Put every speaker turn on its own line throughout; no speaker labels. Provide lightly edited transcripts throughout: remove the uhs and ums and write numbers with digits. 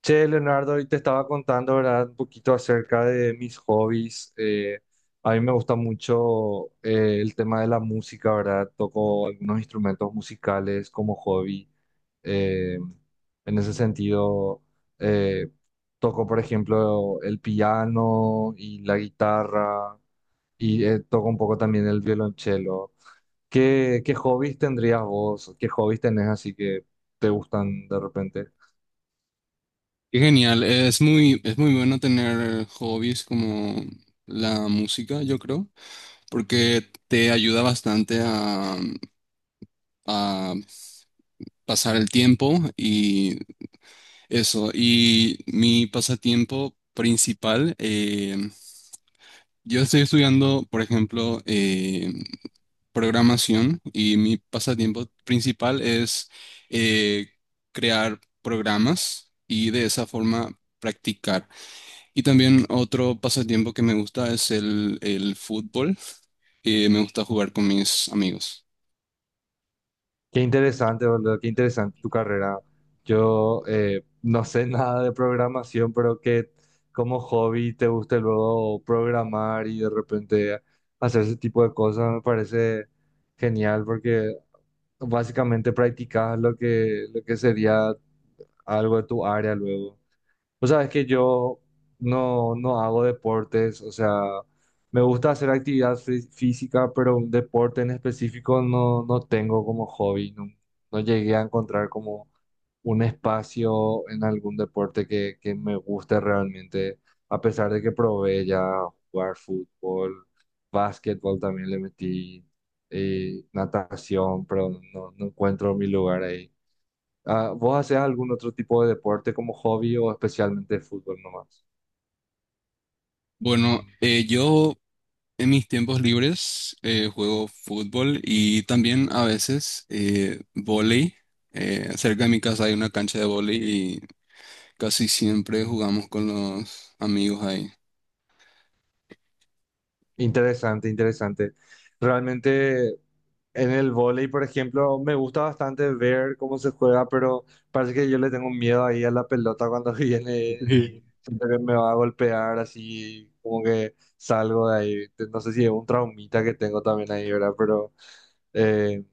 Che, Leonardo, hoy te estaba contando, ¿verdad? Un poquito acerca de mis hobbies. A mí me gusta mucho el tema de la música, ¿verdad? Toco algunos instrumentos musicales como hobby. Eh, en ese sentido, eh, toco, por ejemplo, el piano y la guitarra y toco un poco también el violonchelo. ¿Qué hobbies tendrías vos? ¿Qué hobbies tenés así que te gustan de repente?
Qué genial, es muy bueno tener hobbies como la música, yo creo, porque te ayuda bastante a pasar el tiempo y eso. Y mi pasatiempo principal, yo estoy estudiando, por ejemplo, programación y mi pasatiempo principal es eh, crear programas y de esa forma practicar. Y también otro pasatiempo que me gusta es el fútbol. Me gusta jugar con mis amigos.
Qué interesante, boludo, qué interesante tu carrera. Yo no sé nada de programación, pero que como hobby te guste luego programar y de repente hacer ese tipo de cosas me parece genial porque básicamente practicas lo que sería algo de tu área luego. O sabes que yo no hago deportes, o sea, me gusta hacer actividad física, pero un deporte en específico no tengo como hobby, no, no llegué a encontrar como un espacio en algún deporte que me guste realmente, a pesar de que probé ya jugar fútbol, básquetbol también le metí, natación, pero no, no encuentro mi lugar ahí. Ah, ¿vos hacés algún otro tipo de deporte como hobby o especialmente fútbol nomás?
Bueno, yo en mis tiempos libres juego fútbol y también a veces vóley. Cerca de mi casa hay una cancha de vóley y casi siempre jugamos con los amigos ahí.
Interesante, interesante. Realmente en el vóley, por ejemplo, me gusta bastante ver cómo se juega, pero parece que yo le tengo miedo ahí a la pelota cuando viene y siento que me va a golpear así, como que salgo de ahí. No sé si es un traumita que tengo también ahí, ¿verdad? Pero eh,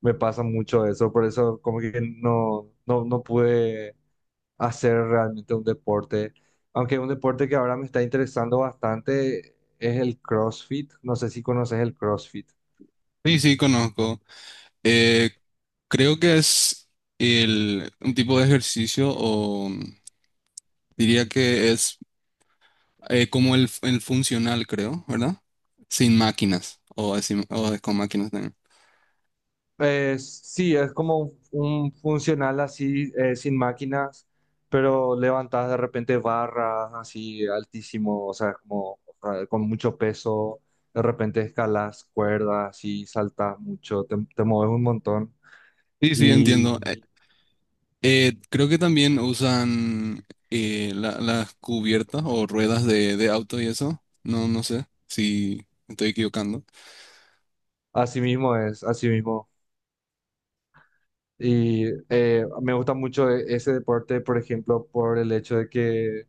me pasa mucho eso, por eso como que no pude hacer realmente un deporte. Aunque un deporte que ahora me está interesando bastante es el CrossFit. No sé si conoces el CrossFit.
Sí, sí, conozco. Eh, Creo que es un tipo de ejercicio o diría que es como el funcional, creo, ¿verdad? Sin máquinas o, o con máquinas también.
Es, sí, es como un funcional así, sin máquinas, pero levantas de repente barras así altísimo, o sea, como con mucho peso. De repente escalas cuerdas y saltas mucho, te mueves un montón.
Sí, sí,
Y
entiendo. Creo que también usan las cubiertas o ruedas de auto y eso. No, no sé si me estoy equivocando.
así mismo es, así mismo. Y me gusta mucho ese deporte, por ejemplo, por el hecho de que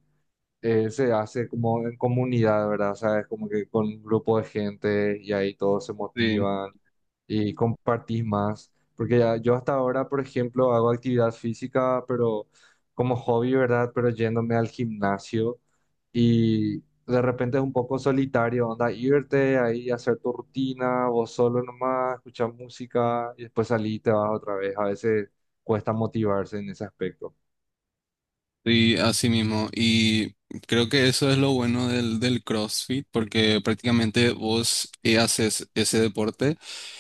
se hace como en comunidad, ¿verdad? O sea, es como que con un grupo de gente y ahí todos se
Sí.
motivan y compartís más. Porque ya, yo hasta ahora, por ejemplo, hago actividad física, pero como hobby, ¿verdad? Pero yéndome al gimnasio y de repente es un poco solitario, onda, irte ahí, hacer tu rutina, vos solo nomás, escuchar música y después salir y te vas otra vez. A veces cuesta motivarse en ese aspecto.
Sí, así mismo. Y creo que eso es lo bueno del CrossFit, porque prácticamente vos haces ese deporte,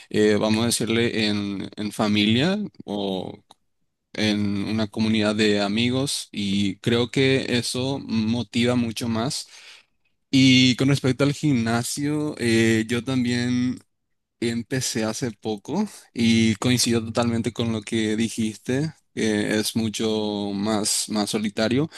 vamos a decirle, en familia o en una comunidad de amigos y creo que eso motiva mucho más. Y con respecto al gimnasio, yo también empecé hace poco y coincido totalmente con lo que dijiste, que es mucho más, más solitario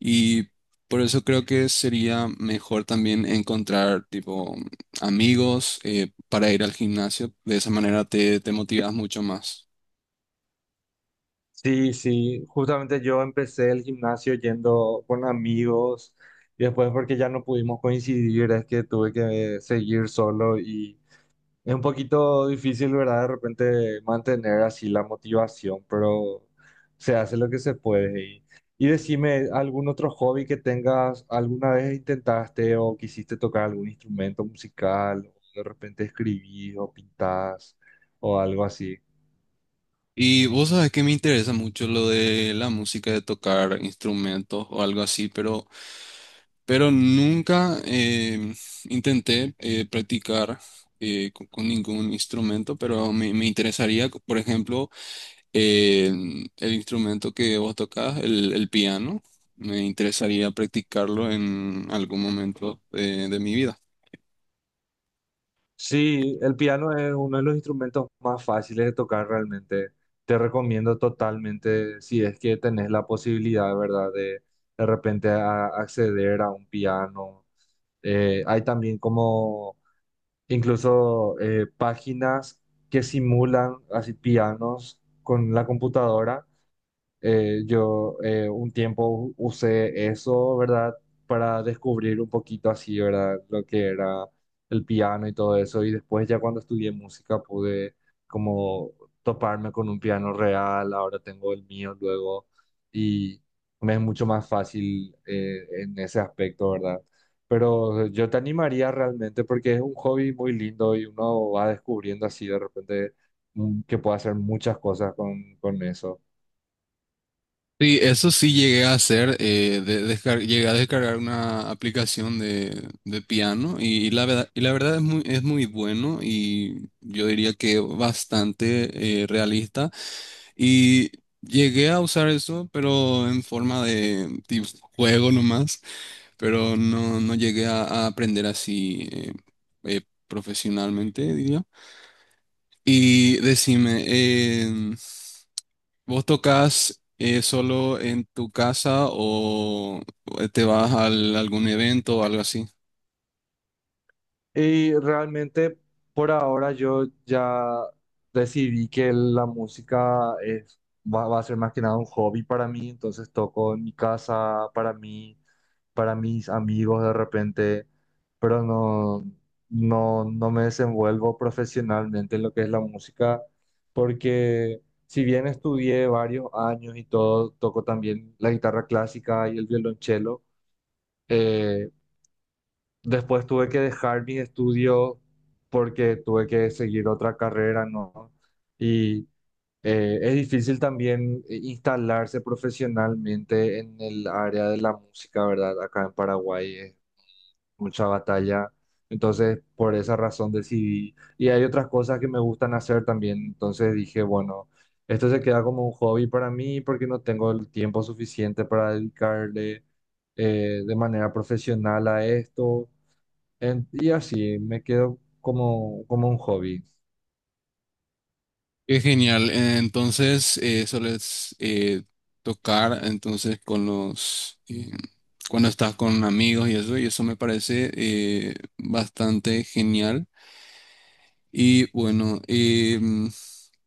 y por eso creo que sería mejor también encontrar tipo amigos para ir al gimnasio. De esa manera te motivas mucho más.
Sí, sí, justamente yo empecé el gimnasio yendo con amigos y después porque ya no pudimos coincidir es que tuve que seguir solo y es un poquito difícil, ¿verdad? De repente mantener así la motivación, pero se hace lo que se puede. Y decime, ¿algún otro hobby que tengas? ¿Alguna vez intentaste o quisiste tocar algún instrumento musical? O de repente escribís o pintás o algo así.
Y vos sabés que me interesa mucho lo de la música, de tocar instrumentos o algo así, pero nunca intenté practicar ningún instrumento, pero me interesaría, por ejemplo, eh, el instrumento que vos tocás, el piano, me interesaría practicarlo en algún momento de mi vida.
Sí, el piano es uno de los instrumentos más fáciles de tocar realmente. Te recomiendo totalmente, si es que tenés la posibilidad, ¿verdad? De repente acceder a un piano. Hay también como incluso páginas que simulan así pianos con la computadora. Yo un tiempo usé eso, ¿verdad? Para descubrir un poquito así, ¿verdad? Lo que era el piano y todo eso. Y después ya cuando estudié música pude como toparme con un piano real. Ahora tengo el mío luego y me es mucho más fácil en ese aspecto, ¿verdad? Pero yo te animaría realmente porque es un hobby muy lindo y uno va descubriendo así de repente que puede hacer muchas cosas con eso.
Sí, eso sí llegué a hacer, llegué a descargar una aplicación de piano y la verdad es muy bueno y yo diría que bastante realista y llegué a usar eso pero en forma de tipo juego nomás, pero no, no llegué a aprender así eh, profesionalmente diría. Y decime, em, ¿vos tocas solo en tu casa o te vas a algún evento o algo así?
Y realmente por ahora yo ya decidí que la música es, va, va a ser más que nada un hobby para mí, entonces toco en mi casa, para mí, para mis amigos de repente, pero no, no me desenvuelvo profesionalmente en lo que es la música, porque si bien estudié varios años y todo, toco también la guitarra clásica y el violonchelo. Eh, Después tuve que dejar mis estudios porque tuve que seguir otra carrera, ¿no? Y es difícil también instalarse profesionalmente en el área de la música, ¿verdad? Acá en Paraguay es mucha batalla. Entonces, por esa razón decidí. Y hay otras cosas que me gustan hacer también. Entonces dije, bueno, esto se queda como un hobby para mí porque no tengo el tiempo suficiente para dedicarle de manera profesional a esto. Y así me quedo como, como un hobby.
Qué genial. Entonces, sueles tocar entonces con los cuando estás con amigos y eso me parece bastante genial. Y bueno, eh, mm,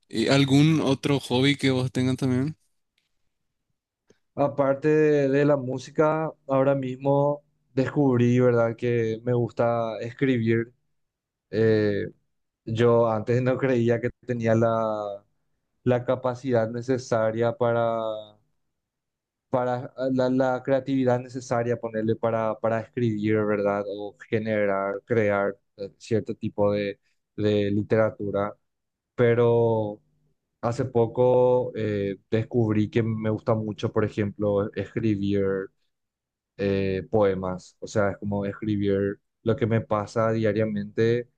eh, ¿algún otro hobby que vos tengas también?
Aparte de la música, ahora mismo descubrí, ¿verdad?, que me gusta escribir. Eh, yo antes no creía que tenía la, la capacidad necesaria para la, la creatividad necesaria, ponerle para escribir, ¿verdad?, o generar, crear cierto tipo de literatura. Pero hace poco descubrí que me gusta mucho, por ejemplo, escribir poemas. O sea, es como escribir lo que me pasa diariamente,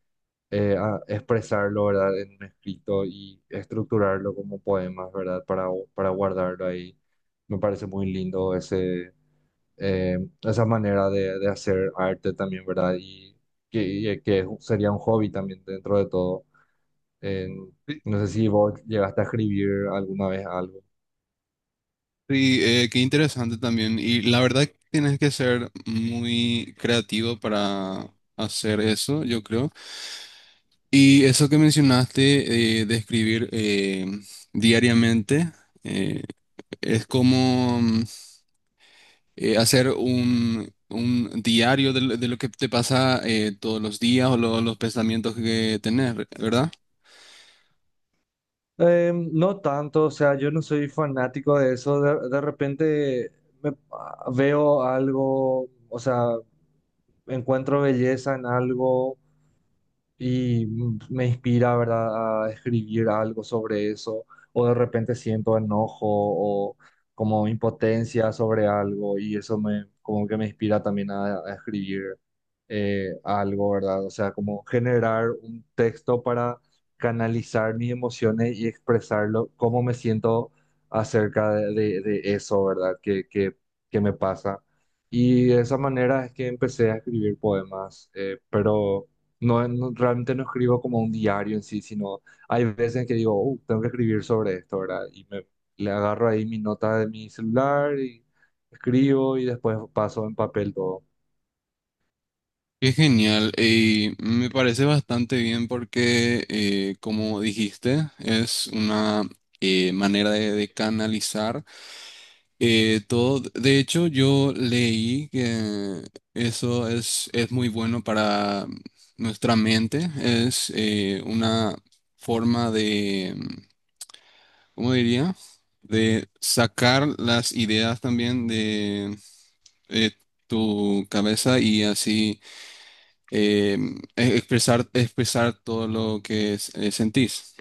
a expresarlo, ¿verdad? En un escrito y estructurarlo como poemas, ¿verdad? Para guardarlo ahí. Me parece muy lindo ese, eh, esa manera de hacer arte también, ¿verdad? Y que sería un hobby también dentro de todo. En- no sé si vos llegaste a escribir alguna vez algo.
Sí, qué interesante también. Y la verdad que tienes que ser muy creativo para hacer eso, yo creo. Y eso que mencionaste de escribir diariamente, eh, es como hacer un diario de lo que te pasa todos los días o los pensamientos que tenés, ¿verdad?
No tanto, o sea, yo no soy fanático de eso. De repente veo algo, o sea, encuentro belleza en algo y me inspira, ¿verdad?, a escribir algo sobre eso, o de repente siento enojo o como impotencia sobre algo y eso me, como que me inspira también a escribir algo, ¿verdad? O sea, como generar un texto para canalizar mis emociones y expresarlo, cómo me siento acerca de, de eso, ¿verdad?, que me pasa. Y de esa manera es que empecé a escribir poemas, pero... No, realmente no escribo como un diario en sí, sino hay veces en que digo, tengo que escribir sobre esto, ¿verdad?" Y me, le agarro ahí mi nota de mi celular y escribo y después paso en papel todo.
Qué genial, y me parece bastante bien porque, como dijiste, es una manera de canalizar todo. De hecho, yo leí que eso es muy bueno para nuestra mente, es una forma de, ¿cómo diría? De sacar las ideas también de eh, tu cabeza y así eh, expresar todo lo que sentís.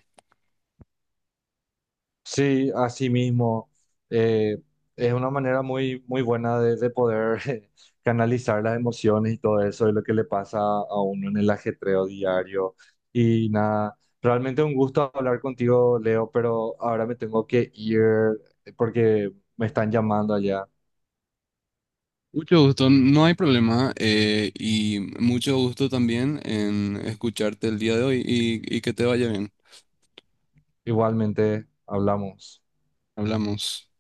Sí, así mismo. eh, es una manera muy, muy buena de poder canalizar las emociones y todo eso, y lo que le pasa a uno en el ajetreo diario. Y nada, realmente un gusto hablar contigo, Leo, pero ahora me tengo que ir porque me están llamando allá.
Mucho gusto, no hay problema y mucho gusto también en escucharte el día de hoy y que te vaya bien.
Igualmente, hablamos.
Hablamos.